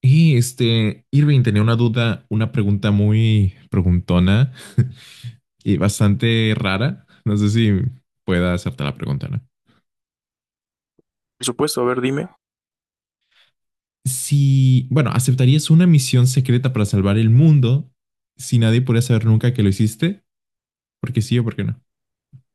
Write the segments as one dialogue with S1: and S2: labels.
S1: Y Irving tenía una duda, una pregunta muy preguntona y bastante rara. No sé si pueda hacerte la pregunta, ¿no?
S2: Por supuesto, a ver, dime.
S1: Si, bueno, ¿aceptarías una misión secreta para salvar el mundo si nadie pudiera saber nunca que lo hiciste? ¿Porque sí o por qué no?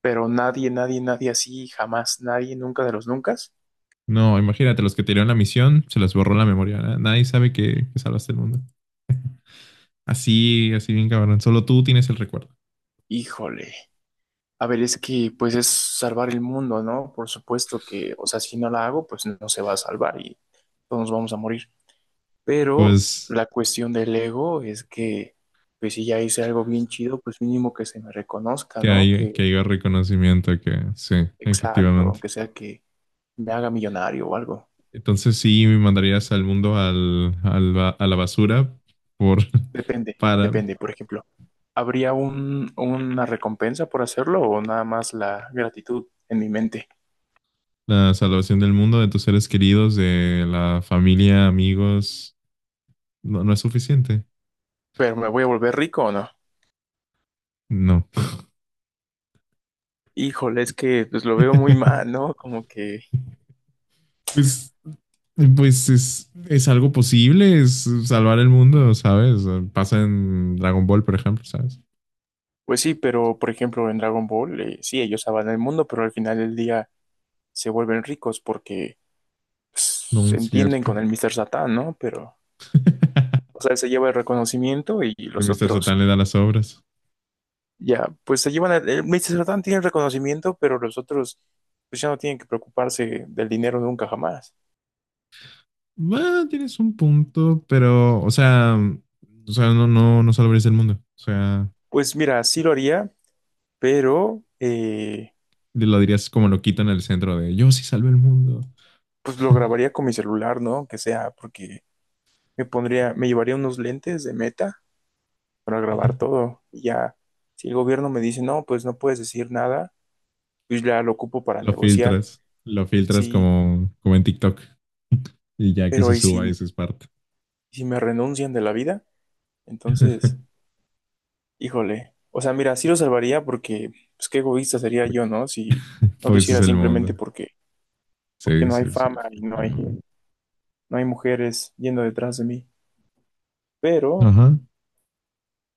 S2: Pero nadie, nadie, nadie así, jamás, nadie, nunca de los nunca.
S1: No, imagínate, los que te dieron la misión, se les borró la memoria, ¿no? Nadie sabe que salvaste el mundo. Así, así bien cabrón. Solo tú tienes el recuerdo.
S2: Híjole. A ver, es que pues es salvar el mundo, ¿no? Por supuesto que, o sea, si no la hago, pues no se va a salvar y todos nos vamos a morir. Pero
S1: Pues
S2: la cuestión del ego es que, pues si ya hice algo bien chido, pues mínimo que se me reconozca,
S1: que
S2: ¿no?
S1: haya,
S2: Que,
S1: que haya reconocimiento, que sí,
S2: exacto,
S1: efectivamente.
S2: aunque sea que me haga millonario o algo.
S1: Entonces, sí me mandarías al mundo a la basura por
S2: Depende,
S1: para
S2: depende. Por ejemplo, ¿habría una recompensa por hacerlo o nada más la gratitud en mi mente?
S1: la salvación del mundo, de tus seres queridos, de la familia, amigos. No, no es suficiente.
S2: ¿Pero me voy a volver rico o no?
S1: No.
S2: Híjole, es que pues lo veo muy mal, ¿no? Como que,
S1: Pues, pues es algo posible, es salvar el mundo, ¿sabes? Pasa en Dragon Ball, por ejemplo, ¿sabes?
S2: pues sí, pero por ejemplo en Dragon Ball, sí, ellos salvan el mundo, pero al final del día se vuelven ricos porque pues,
S1: No
S2: se
S1: es
S2: entienden
S1: cierto.
S2: con el Mr. Satán, ¿no? Pero, o sea, él se lleva el reconocimiento y
S1: El
S2: los
S1: Mr.
S2: otros.
S1: Satan le da las obras.
S2: Ya, pues se llevan, el Mr. Satan tiene el reconocimiento, pero los otros pues ya no tienen que preocuparse del dinero nunca jamás.
S1: Bueno, tienes un punto, pero, o sea, no, no, no salvarías el mundo. O sea,
S2: Pues mira, sí lo haría, pero
S1: lo dirías como lo quitan en el centro de "yo sí salvé el mundo".
S2: pues lo grabaría con mi celular, ¿no? Que sea, porque me pondría, me llevaría unos lentes de Meta para grabar todo. Y ya, si el gobierno me dice, no, pues no puedes decir nada, pues ya lo ocupo para negociar.
S1: Lo filtras
S2: Sí,
S1: como en TikTok. Y ya que se
S2: pero ¿y
S1: suba,
S2: si,
S1: eso es parte.
S2: si me renuncian de la vida? Entonces. Híjole, o sea, mira, sí lo salvaría porque, pues qué egoísta sería yo, ¿no? Si no lo
S1: Pues ese es
S2: hiciera
S1: el
S2: simplemente
S1: mundo.
S2: porque, porque
S1: Sí,
S2: no hay
S1: sí, sí,
S2: fama y no hay,
S1: efectivamente.
S2: no hay mujeres yendo detrás de mí. Pero,
S1: Ajá,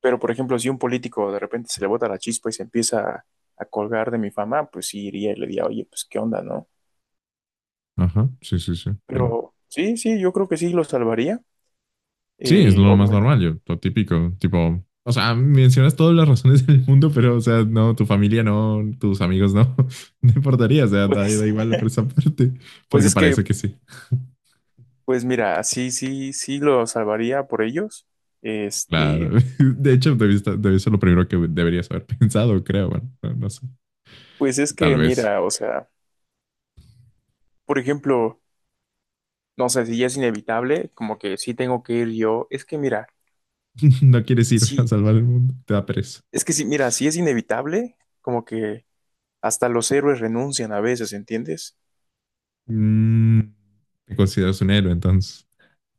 S2: pero por ejemplo, si un político de repente se le bota la chispa y se empieza a colgar de mi fama, pues sí iría y le diría, oye, pues qué onda, ¿no?
S1: ajá, sí, sí, sí.
S2: Pero sí, sí, yo creo que sí lo salvaría.
S1: Sí, es lo más
S2: Obviamente,
S1: normal, yo, lo típico, tipo, o sea, mencionas todas las razones del mundo, pero, o sea, no, tu familia no, tus amigos no, no importaría, o sea, da,
S2: pues,
S1: da igual por esa parte,
S2: pues
S1: porque
S2: es que,
S1: parece que sí.
S2: pues mira, sí, sí, sí lo salvaría por ellos. Este,
S1: Claro, de hecho, debe ser lo primero que deberías haber pensado, creo, bueno, no, no sé,
S2: pues es
S1: tal
S2: que,
S1: vez.
S2: mira, o sea, por ejemplo. No sé, si ya es inevitable, como que sí tengo que ir yo. Es que mira,
S1: No quieres ir a
S2: sí,
S1: salvar el mundo, te da pereza.
S2: es que sí, mira, si es inevitable, como que hasta los héroes renuncian a veces, ¿entiendes?
S1: Mm, Te consideras un héroe, entonces,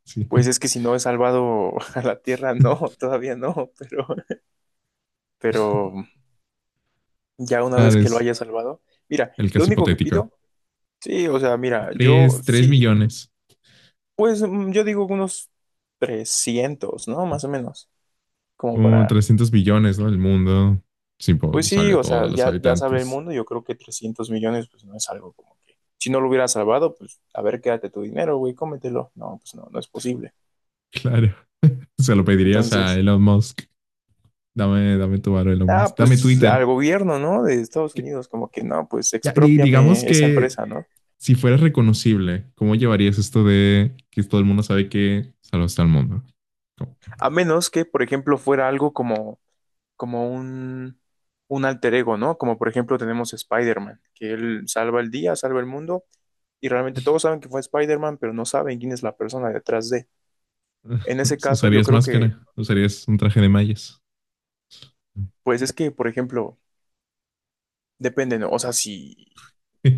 S1: sí.
S2: Pues es que si no he salvado a la Tierra, no, todavía no, pero ya una vez
S1: Claro,
S2: que lo
S1: es
S2: haya salvado, mira,
S1: el
S2: lo
S1: caso
S2: único que
S1: hipotético.
S2: pido, sí, o sea, mira, yo
S1: Tres
S2: sí,
S1: millones.
S2: pues yo digo unos 300 ¿no? Más o menos, como
S1: Como
S2: para.
S1: 300 billones, ¿no? El mundo. Sí,
S2: Pues
S1: pues, salve
S2: sí,
S1: a
S2: o sea,
S1: todos los
S2: ya, ya sabe el
S1: habitantes.
S2: mundo, yo creo que 300 millones, pues no es algo como que, si no lo hubiera salvado, pues a ver, quédate tu dinero, güey, cómetelo. No, pues no, no es posible.
S1: Claro. Se lo pedirías a
S2: Entonces,
S1: Elon Musk. Dame, dame tu varo, Elon
S2: nada,
S1: Musk. Dame
S2: pues al
S1: Twitter.
S2: gobierno, ¿no? De Estados
S1: Que-
S2: Unidos, como que no, pues
S1: ya, digamos
S2: expropiame esa
S1: que
S2: empresa, ¿no?
S1: si fueras reconocible, ¿cómo llevarías esto de que todo el mundo sabe que salvaste al mundo? ¿Cómo?
S2: A menos que, por ejemplo, fuera algo como, como un alter ego, ¿no? Como por ejemplo tenemos Spider-Man, que él salva el día, salva el mundo, y realmente todos saben que fue Spider-Man, pero no saben quién es la persona detrás de. En ese caso, yo
S1: ¿Usarías
S2: creo que
S1: máscara? ¿Usarías un traje de mallas?
S2: pues es que, por ejemplo, depende, ¿no? O sea, si,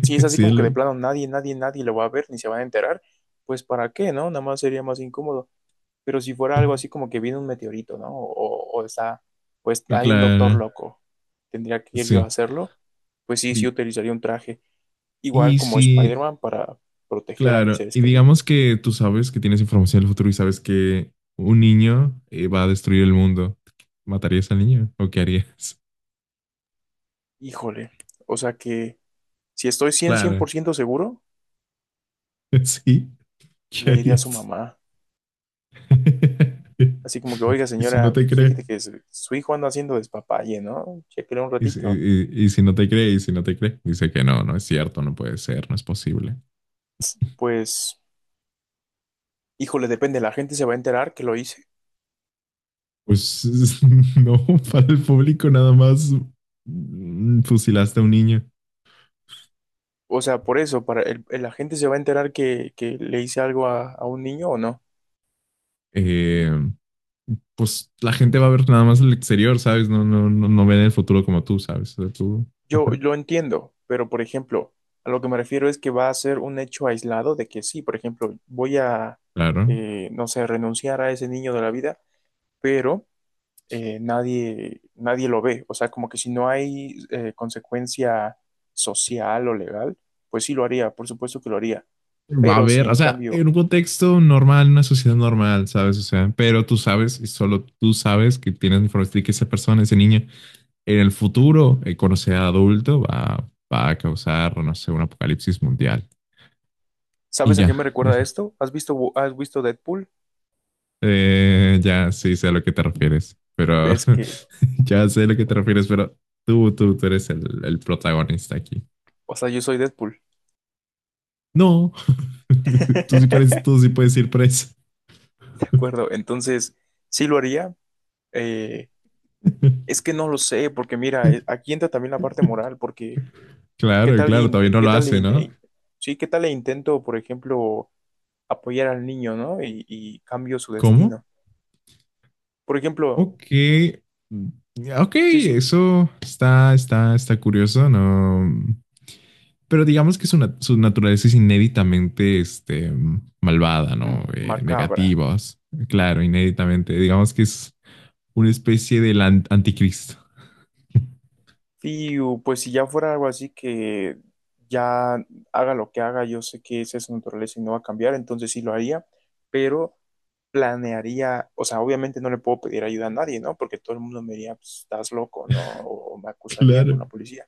S2: si es así
S1: Sí,
S2: como que de plano nadie, nadie, nadie lo va a ver ni se van a enterar, pues ¿para qué, no? Nada más sería más incómodo. Pero si fuera algo así como que viene un meteorito, ¿no? O está, pues hay un doctor
S1: claro.
S2: loco, tendría que ir yo a
S1: Sí.
S2: hacerlo, pues sí, sí
S1: Di-
S2: utilizaría un traje, igual
S1: Y
S2: como
S1: si
S2: Spider-Man para proteger a mis
S1: Claro,
S2: seres
S1: y digamos
S2: queridos.
S1: que tú sabes que tienes información del futuro y sabes que un niño va a destruir el mundo. ¿Matarías al niño o qué harías?
S2: Híjole, o sea que si estoy cien cien
S1: Claro,
S2: por ciento seguro,
S1: sí, ¿qué
S2: le diría a su
S1: harías?
S2: mamá. Así como que, oiga,
S1: Y si no
S2: señora,
S1: te
S2: pues
S1: cree,
S2: fíjate que su hijo anda haciendo despapalle, ¿no? Chéquele un ratito.
S1: y si no te cree, dice que no, no es cierto, no puede ser, no es posible.
S2: Pues, híjole, depende, la gente se va a enterar que lo hice.
S1: Pues no, para el público nada más, fusilaste a un niño.
S2: O sea, por eso, para el- la gente se va a enterar que le hice algo a un niño o no.
S1: Eh, pues la gente va a ver nada más el exterior, ¿sabes? No, no, no, no ven el futuro como tú, ¿sabes? O sea, tú,
S2: Yo
S1: ajá,
S2: lo entiendo, pero por ejemplo, a lo que me refiero es que va a ser un hecho aislado de que sí, por ejemplo, voy a,
S1: claro.
S2: no sé, renunciar a ese niño de la vida, pero nadie, nadie lo ve. O sea, como que si no hay consecuencia social o legal, pues sí lo haría, por supuesto que lo haría.
S1: Va a
S2: Pero si
S1: haber, o
S2: en
S1: sea,
S2: cambio,
S1: en un contexto normal, en una sociedad normal, ¿sabes? O sea, pero tú sabes y solo tú sabes que tienes información y que esa persona, ese niño, en el futuro, cuando sea adulto, va a causar, no sé, un apocalipsis mundial. Y
S2: ¿sabes a qué
S1: ya,
S2: me recuerda
S1: eso.
S2: esto? Has visto Deadpool?
S1: Ya, sí, sé a lo que te refieres, pero
S2: Ves que,
S1: ya sé a lo que te refieres, pero tú eres el protagonista aquí.
S2: o sea, yo soy Deadpool.
S1: No,
S2: De
S1: tú sí puedes ir preso.
S2: acuerdo, entonces sí lo haría. Eh, es que no lo sé, porque mira, aquí entra también la parte moral, porque ¿qué
S1: Claro,
S2: tal,
S1: claro,
S2: in-
S1: todavía
S2: eh,
S1: no
S2: qué
S1: lo
S2: tal,
S1: hace,
S2: in-
S1: ¿no?
S2: eh, sí, qué tal le intento, por ejemplo, apoyar al niño, ¿no? Y cambio su
S1: ¿Cómo?
S2: destino. Por ejemplo,
S1: Ok. Mm, Ok,
S2: sí, sí,
S1: eso está curioso, ¿no? Pero digamos que su naturaleza es inéditamente malvada,
S2: m-
S1: ¿no?
S2: macabra.
S1: Negativas. Claro, inéditamente. Digamos que es una especie del anticristo.
S2: Y u, pues si ya fuera algo así que ya haga lo que haga, yo sé que esa es su naturaleza y no va a cambiar, entonces sí lo haría, pero planearía, o sea, obviamente no le puedo pedir ayuda a nadie, ¿no? Porque todo el mundo me diría, pues, estás loco, ¿no? O me acusarían con
S1: Claro.
S2: la policía.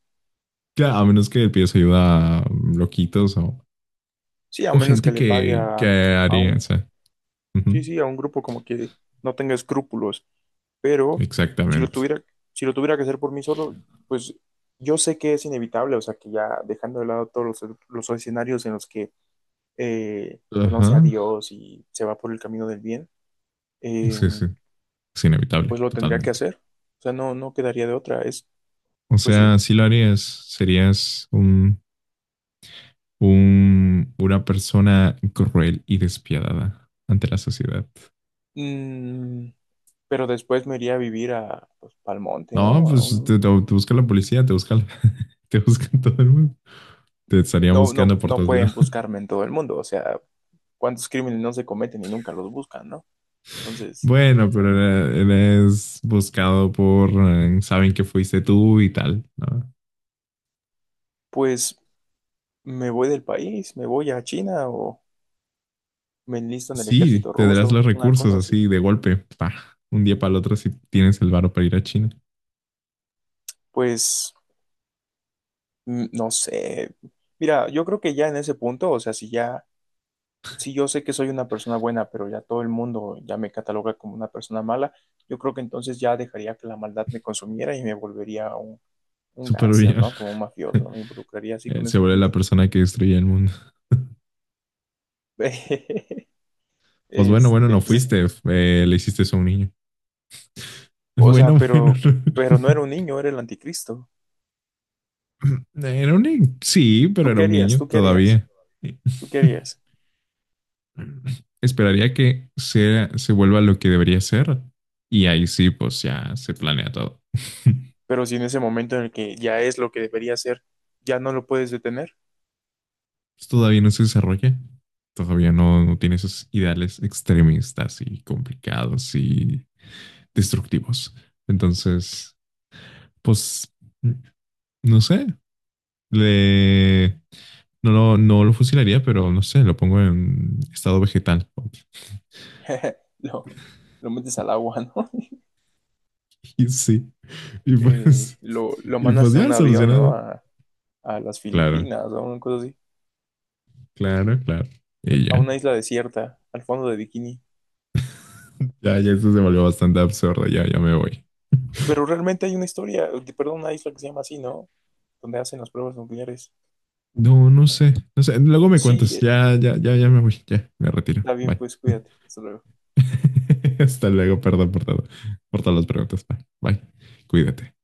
S1: Claro, a menos que pides ayuda a loquitos o
S2: Sí, a
S1: O
S2: menos que
S1: gente
S2: le pague
S1: que
S2: a
S1: haría, o
S2: un.
S1: sea, ujú,
S2: Sí, sí, a un grupo como que no tenga escrúpulos, pero si lo
S1: exactamente.
S2: tuviera, si lo tuviera que hacer por mí solo, pues yo sé que es inevitable, o sea, que ya dejando de lado todos los escenarios en los que conoce a
S1: Ajá.
S2: Dios y se va por el camino del bien, eh,
S1: Sí, sí. Es inevitable,
S2: pues lo tendría que
S1: totalmente.
S2: hacer, o sea, no, no quedaría de otra, es,
S1: O
S2: pues sí.
S1: sea, si lo harías, serías una persona cruel y despiadada ante la sociedad.
S2: Mm, pero después me iría a vivir a, pues, pa'l monte,
S1: No,
S2: ¿no? A
S1: pues
S2: un-
S1: te busca la policía, te busca, te busca todo el mundo. Te estarían
S2: no, no,
S1: buscando por
S2: no
S1: todos
S2: pueden
S1: lados.
S2: buscarme en todo el mundo, o sea, cuántos crímenes no se cometen y nunca los buscan, ¿no? Entonces,
S1: Bueno, pero eres buscado saben que fuiste tú y tal, ¿no?
S2: pues me voy del país, me voy a China o me enlisto en el
S1: Sí,
S2: ejército
S1: tendrás los
S2: ruso, una
S1: recursos
S2: cosa así.
S1: así de golpe, un día para el otro si tienes el varo para ir a China.
S2: Pues no sé. Mira, yo creo que ya en ese punto, o sea, si ya, si yo sé que soy una persona buena, pero ya todo el mundo ya me cataloga como una persona mala, yo creo que entonces ya dejaría que la maldad me consumiera y me volvería un
S1: Súper
S2: gángster,
S1: bien.
S2: ¿no? Como un mafioso, me involucraría así con
S1: Se
S2: esa
S1: vuelve la
S2: gente.
S1: persona que destruye el mundo. Pues bueno, bueno,
S2: Este,
S1: no
S2: pues es.
S1: fuiste, le hiciste eso a un niño.
S2: O sea,
S1: Bueno, bueno.
S2: pero no era un niño, era el anticristo.
S1: No. Era un niño, sí, pero
S2: ¿Tú qué
S1: era un
S2: harías?
S1: niño
S2: ¿Tú qué harías?
S1: todavía.
S2: ¿Tú qué harías?
S1: Esperaría que se vuelva lo que debería ser. Y ahí sí, pues ya se planea todo.
S2: Pero si en ese momento en el que ya es lo que debería ser, ya no lo puedes detener,
S1: Pues, todavía no se desarrolla. Todavía no, no tiene esos ideales extremistas y complicados y destructivos. Entonces, pues, no sé, le... No, no, no lo fusilaría, pero no sé, lo pongo en estado vegetal.
S2: lo, lo metes al agua, ¿no?
S1: Y sí, y pues,
S2: Lo
S1: y pues
S2: mandas en un
S1: ya
S2: avión, ¿no?
S1: solucionado.
S2: A las
S1: Claro,
S2: Filipinas o una cosa así,
S1: claro, claro. Y
S2: a
S1: ya,
S2: una isla desierta, al fondo de Bikini.
S1: ya, ya esto se volvió bastante absurdo, ya, ya me voy.
S2: Pero realmente hay una historia, perdón, una isla que se llama así, ¿no? Donde hacen las pruebas nucleares.
S1: No, no sé, no sé. Luego me
S2: Sí,
S1: cuentas. Ya, ya, ya, ya me voy. Ya, me retiro.
S2: está bien,
S1: Bye.
S2: pues cuídate. Hasta luego.
S1: Hasta luego. Perdón por todo, por todas las preguntas. Bye. Bye. Cuídate.